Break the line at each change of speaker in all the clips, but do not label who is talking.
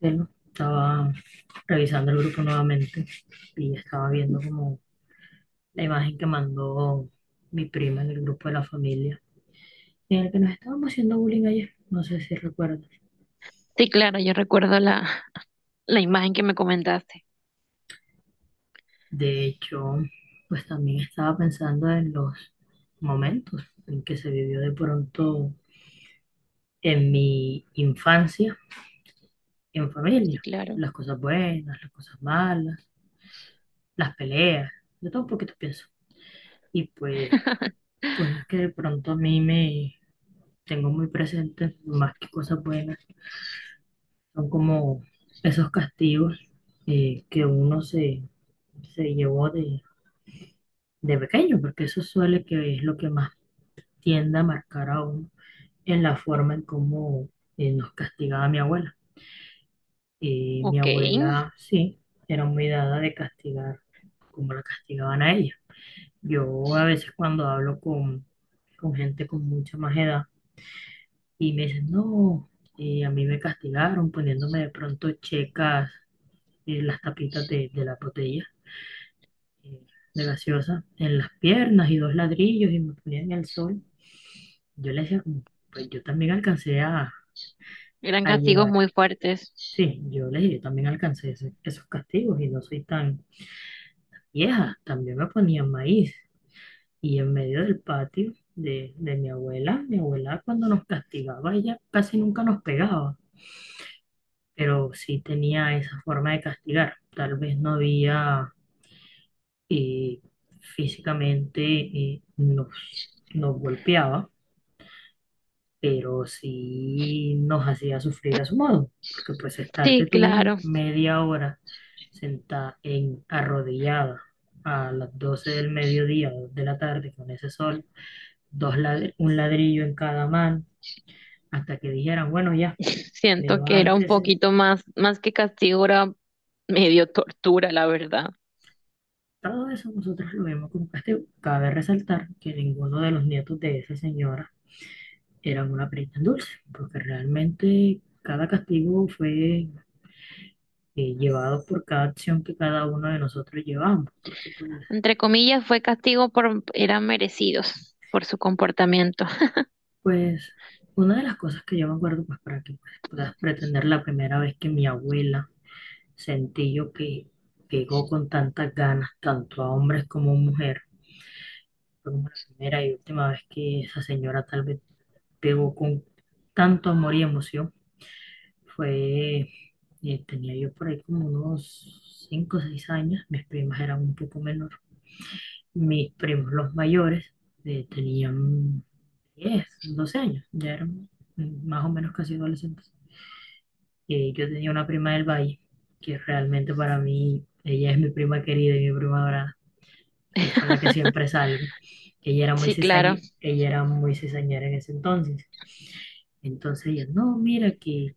Bueno, estaba revisando el grupo nuevamente y estaba viendo como la imagen que mandó mi prima en el grupo de la familia, en el que nos estábamos haciendo bullying ayer, no sé si recuerdas.
Sí, claro, yo recuerdo la imagen que me comentaste.
De hecho, pues también estaba pensando en los momentos en que se vivió de pronto en mi infancia, en
Sí,
familia,
claro.
las cosas buenas, las cosas malas, las peleas, de todo un poquito pienso. Y pues cosas que de pronto a mí me tengo muy presentes, más que cosas buenas, son como esos castigos que se llevó de pequeño, porque eso suele que es lo que más tiende a marcar a uno en la forma en cómo nos castigaba mi abuela. Y mi
Ok,
abuela, sí, era muy dada de castigar, como la castigaban a ella. Yo a veces cuando hablo con gente con mucha más edad, y me dicen, no, a mí me castigaron poniéndome de pronto checas las tapitas de la botella eh, de gaseosa en las piernas y dos ladrillos y me ponían en el sol. Yo les decía, como, pues yo también alcancé
eran
a
castigos
llevar.
muy fuertes.
Sí, yo les dije, yo también alcancé esos castigos y no soy tan vieja. También me ponían maíz. Y en medio del patio de mi abuela cuando nos castigaba, ella casi nunca nos pegaba, pero sí tenía esa forma de castigar. Tal vez no había eh, físicamente nos golpeaba, pero sí nos hacía sufrir a su modo, porque pues estarte
Sí,
tú
claro.
media hora sentada en arrodillada a las 12 del mediodía, 2 de la tarde con ese sol, un ladrillo en cada mano, hasta que dijeran, bueno, ya,
Siento que era un
levántese.
poquito más que castigo, era medio tortura, la verdad.
Todo eso nosotros lo vimos como castigo. Cabe resaltar que ninguno de los nietos de esa señora eran una perita en dulce, porque realmente cada castigo fue llevado por cada acción que cada uno de nosotros llevamos, porque pues,
Entre comillas, eran merecidos por su comportamiento.
pues una de las cosas que yo me acuerdo, pues para que pues, puedas pretender la primera vez que mi abuela sentí yo que llegó con tantas ganas, tanto a hombres como a mujeres, fue como la primera y última vez que esa señora tal vez pegó con tanto amor y emoción. Fue, tenía yo por ahí como unos 5 o 6 años, mis primas eran un poco menor. Mis primos, los mayores, tenían 10 12 años, ya eran más o menos casi adolescentes. Yo tenía una prima del Valle, que realmente para mí, ella es mi prima querida y mi prima dorada, que es con la que siempre salgo. Ella era
Sí, claro.
ella era muy cizañera en ese entonces. Entonces ella, no, mira que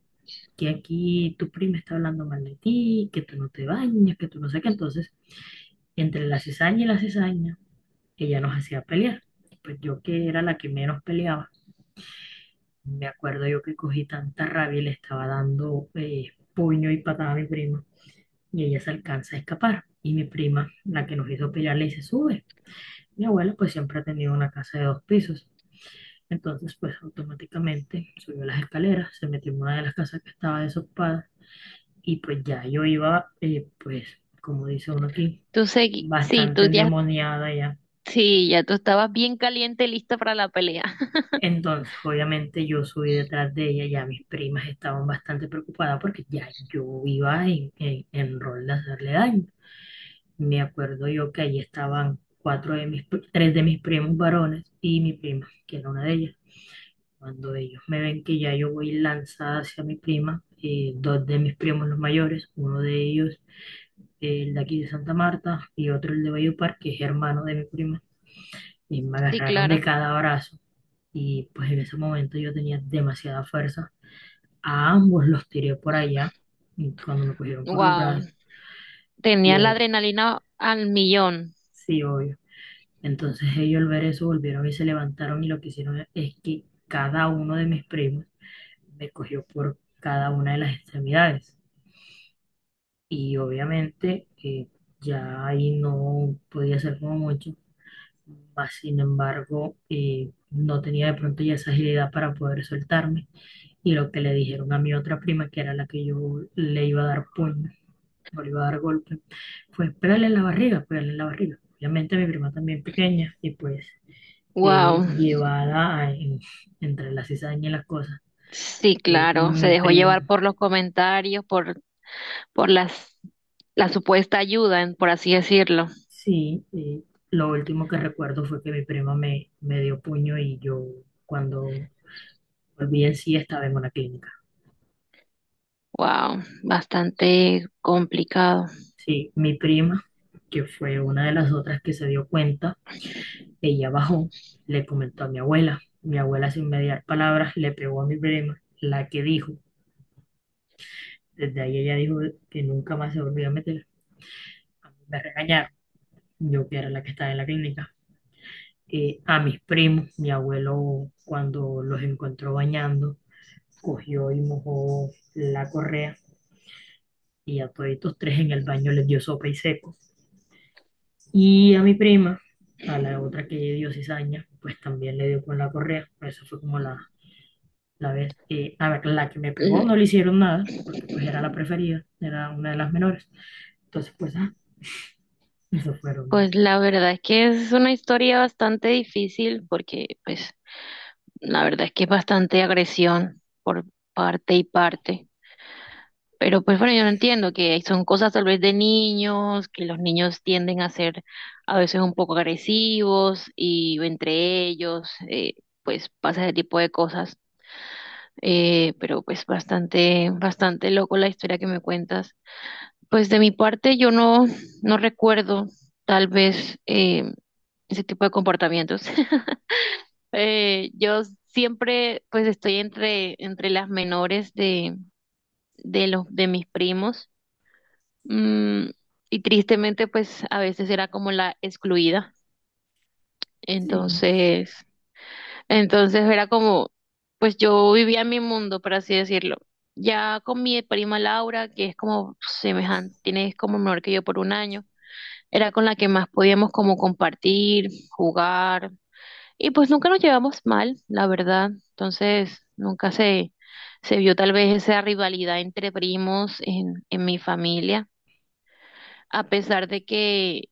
aquí tu prima está hablando mal de ti, que tú no te bañas, que tú no sé qué. Entonces, entre la cizaña y la cizaña, ella nos hacía pelear. Pues yo que era la que menos peleaba, me acuerdo yo que cogí tanta rabia y le estaba dando puño y patada a mi prima, y ella se alcanza a escapar. Y mi prima, la que nos hizo pelear, le dice, sube. Mi abuela pues siempre ha tenido una casa de dos pisos. Entonces pues automáticamente subió las escaleras, se metió en una de las casas que estaba desocupada. Y pues ya yo iba, pues, como dice uno aquí,
Tú segui, sí,
bastante
tú ya,
endemoniada ya.
sí, ya tú estabas bien caliente, lista para la pelea.
Entonces, obviamente yo subí detrás de ella, ya mis primas estaban bastante preocupadas porque ya yo iba en rol de hacerle daño. Me acuerdo yo que ahí estaban cuatro de mis, pri- tres de mis primos varones y mi prima, que era una de ellas. Cuando ellos me ven que ya yo voy lanzada hacia mi prima, dos de mis primos los mayores, uno de ellos el de aquí de Santa Marta y otro el de Valledupar, que es hermano de mi prima, y me
Sí,
agarraron de
claro.
cada brazo. Y pues en ese momento yo tenía demasiada fuerza. A ambos los tiré por allá y cuando me cogieron por los
Wow.
brazos. Y
Tenía la adrenalina al millón.
sí, obvio. Entonces ellos al ver eso volvieron y se levantaron, y lo que hicieron es que cada uno de mis primos me cogió por cada una de las extremidades. Y obviamente ya ahí no podía hacer como mucho. Mas, sin embargo, no tenía de pronto ya esa agilidad para poder soltarme. Y lo que le dijeron a mi otra prima, que era la que yo le iba a dar puño, o le iba a dar golpe, fue pégale en la barriga, pégale en la barriga. Obviamente mi prima también pequeña y pues eh,
Wow.
llevada a- en- entre la cizaña y las cosas.
Sí,
Y
claro. Se
mi
dejó llevar
prima,
por los comentarios, por las, la supuesta ayuda, por así decirlo.
sí, lo último que recuerdo fue que mi prima me dio puño, y yo cuando volví en sí estaba en una clínica.
Wow. Bastante complicado.
Sí, mi prima, que fue una de las otras que se dio cuenta, ella bajó, le comentó a mi abuela. Mi abuela, sin mediar palabras, le pegó a mi prima, la que dijo, desde ahí ella dijo que nunca más se volvió a meter. A mí me regañaron, yo que era la que estaba en la clínica. A mis primos, mi abuelo, cuando los encontró bañando, cogió y mojó la correa y a todos estos tres en el baño les dio sopa y seco. Y a mi prima, a la otra que dio cizaña, pues también le dio con la correa. Esa fue como la vez. A ver, la que me pegó
Mm,
no le hicieron nada, porque pues era la preferida, era una de las menores. Entonces, pues, ah, eso fueron.
pues la verdad es que es una historia bastante difícil porque, pues, la verdad es que es bastante agresión por parte y parte. Pero pues bueno, yo no entiendo que son cosas tal vez de niños, que los niños tienden a ser a veces un poco agresivos y entre ellos, pues pasa ese tipo de cosas. Pero pues bastante loco la historia que me cuentas. Pues de mi parte yo no, no recuerdo tal vez ese tipo de comportamientos. Yo siempre pues estoy entre las menores de los, de mis primos. Mm, y tristemente, pues a veces era como la excluida.
Sí,
Entonces, entonces era como, pues yo vivía en mi mundo, por así decirlo. Ya con mi prima Laura, que es como semejante, tiene es como menor que yo por un año, era con la que más podíamos como compartir, jugar. Y pues nunca nos llevamos mal, la verdad. Entonces, nunca se, se vio tal vez esa rivalidad entre primos en mi familia a pesar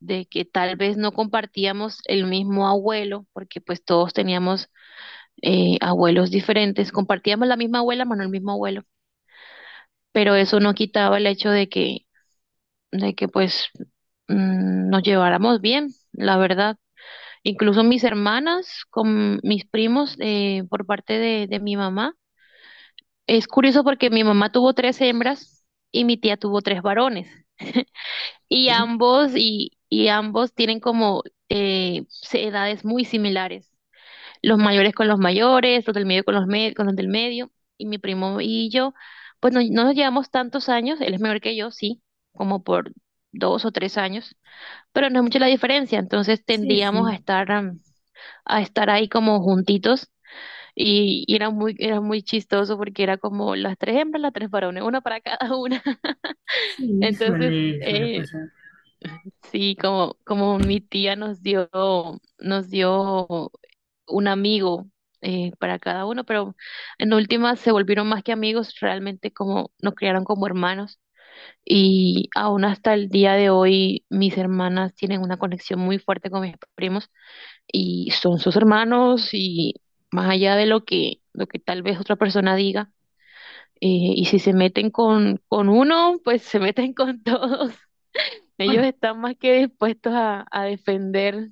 de que tal vez no compartíamos el mismo abuelo, porque pues todos teníamos abuelos diferentes, compartíamos la misma abuela, pero no el mismo abuelo, pero eso no quitaba el hecho de que pues nos lleváramos bien, la verdad. Incluso mis hermanas con mis primos por parte de mi mamá. Es curioso porque mi mamá tuvo tres hembras y mi tía tuvo tres varones
sí,
y ambos tienen como eh, edades muy similares. Los mayores con los mayores, los del medio con con los del medio, y mi primo y yo, pues no nos llevamos tantos años, él es mayor que yo, sí, como por dos o tres años, pero no es mucha la diferencia, entonces
sí,
tendíamos a
sí,
estar, a estar ahí como juntitos, y era era muy chistoso porque era como las tres hembras, las tres varones, una para cada una.
sí,
Entonces,
suele
eh,
pasar.
sí, como mi tía nos dio un amigo para cada uno, pero en últimas se volvieron más que amigos, realmente como nos criaron como hermanos. Y aún hasta el día de hoy mis hermanas tienen una conexión muy fuerte con mis primos y son sus hermanos y más allá de lo que tal vez otra persona diga, eh, y si se meten con uno, pues se meten con todos. Ellos
Bueno,
están más que dispuestos a defender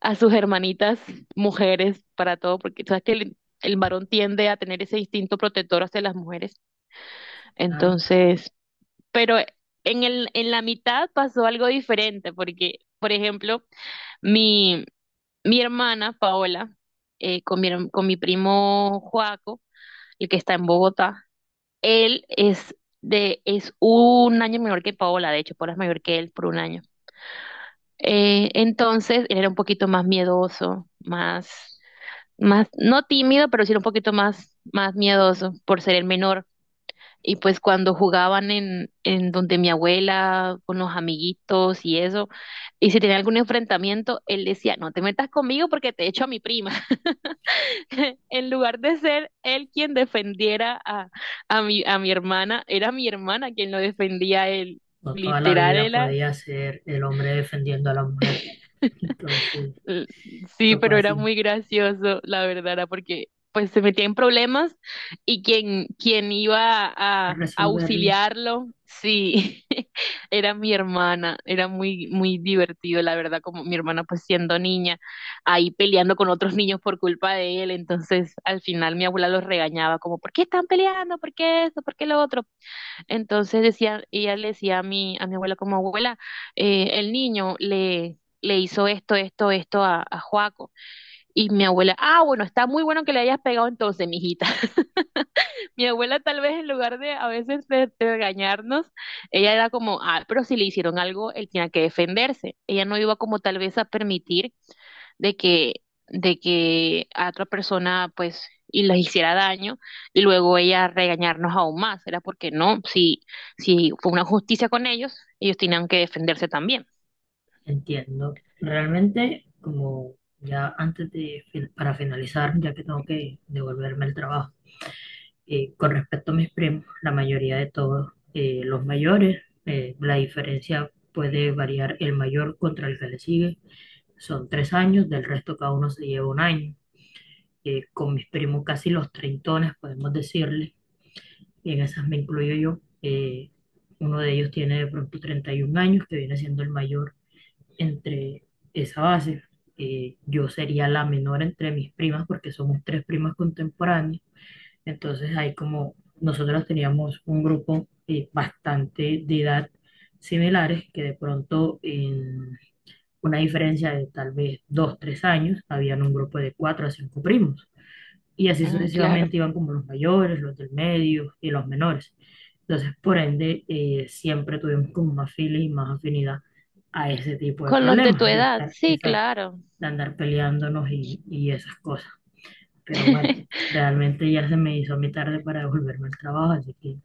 a sus hermanitas mujeres para todo, porque sabes que el varón tiende a tener ese instinto protector hacia las mujeres.
claro,
Entonces, pero en en la mitad pasó algo diferente, porque, por ejemplo, mi, mi hermana Paola, con con mi primo Joaco, el que está en Bogotá, él es es un año menor que Paola, de hecho, Paola es mayor que él por un año. Entonces, él era un poquito más miedoso, no tímido, pero sí un poquito más miedoso por ser el menor. Y pues cuando jugaban en donde mi abuela, con los amiguitos y eso, y si tenía algún enfrentamiento, él decía, no te metas conmigo porque te echo a mi prima. En lugar de ser él quien defendiera a a mi hermana, era mi hermana quien lo defendía a él.
no toda la
Literal,
vida
era,
podía ser el hombre defendiendo a la mujer. Entonces,
L- Sí,
tocó
pero era
así,
muy gracioso, la verdad, era porque pues se metía en problemas y quien iba a
resolverlo.
auxiliarlo, sí, era mi hermana, era muy divertido, la verdad, como mi hermana pues siendo niña, ahí peleando con otros niños por culpa de él, entonces al final mi abuela los regañaba como, ¿por qué están peleando? ¿Por qué esto? ¿Por qué lo otro? Entonces decía, ella le decía a a mi abuela como abuela, el niño le hizo esto, esto, esto a Joaco. Y mi abuela, ah, bueno, está muy bueno que le hayas pegado entonces, mijita. Mi abuela tal vez en lugar de a veces de regañarnos, ella era como, ah, pero si le hicieron algo, él tenía que defenderse. Ella no iba como tal vez a permitir de que, de que a otra persona pues y les hiciera daño y luego ella regañarnos aún más. Era porque no, si fue una justicia con ellos, ellos tenían que defenderse también.
Entiendo. Realmente, como ya antes de, para finalizar, ya que tengo que devolverme el trabajo, con respecto a mis primos, la mayoría de todos, los mayores, la diferencia puede variar el mayor contra el que le sigue. Son tres años, del resto cada uno se lleva un año. Con mis primos casi los treintones, podemos decirle, y en esas me incluyo yo. Uno de ellos tiene de pronto 31 años, que viene siendo el mayor entre esa base. Yo sería la menor entre mis primas porque somos tres primas contemporáneas. Entonces ahí como nosotros teníamos un grupo bastante de edad similares que de pronto en una diferencia de tal vez dos, tres años, habían un grupo de cuatro a cinco primos, y así
Mm, claro.
sucesivamente iban como los mayores, los del medio y los menores. Entonces, por ende, siempre tuvimos como más filas y más afinidad a ese tipo de
Con los de tu
problemas, de
edad,
estar,
sí,
exacto,
claro.
de andar peleándonos y esas cosas. Pero bueno, realmente ya se me hizo a mi tarde para devolverme al trabajo, así que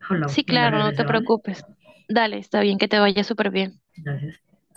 hablamos
Sí,
cuando
claro, no
regrese,
te
¿vale?
preocupes. Dale, está bien que te vaya súper bien.
Gracias.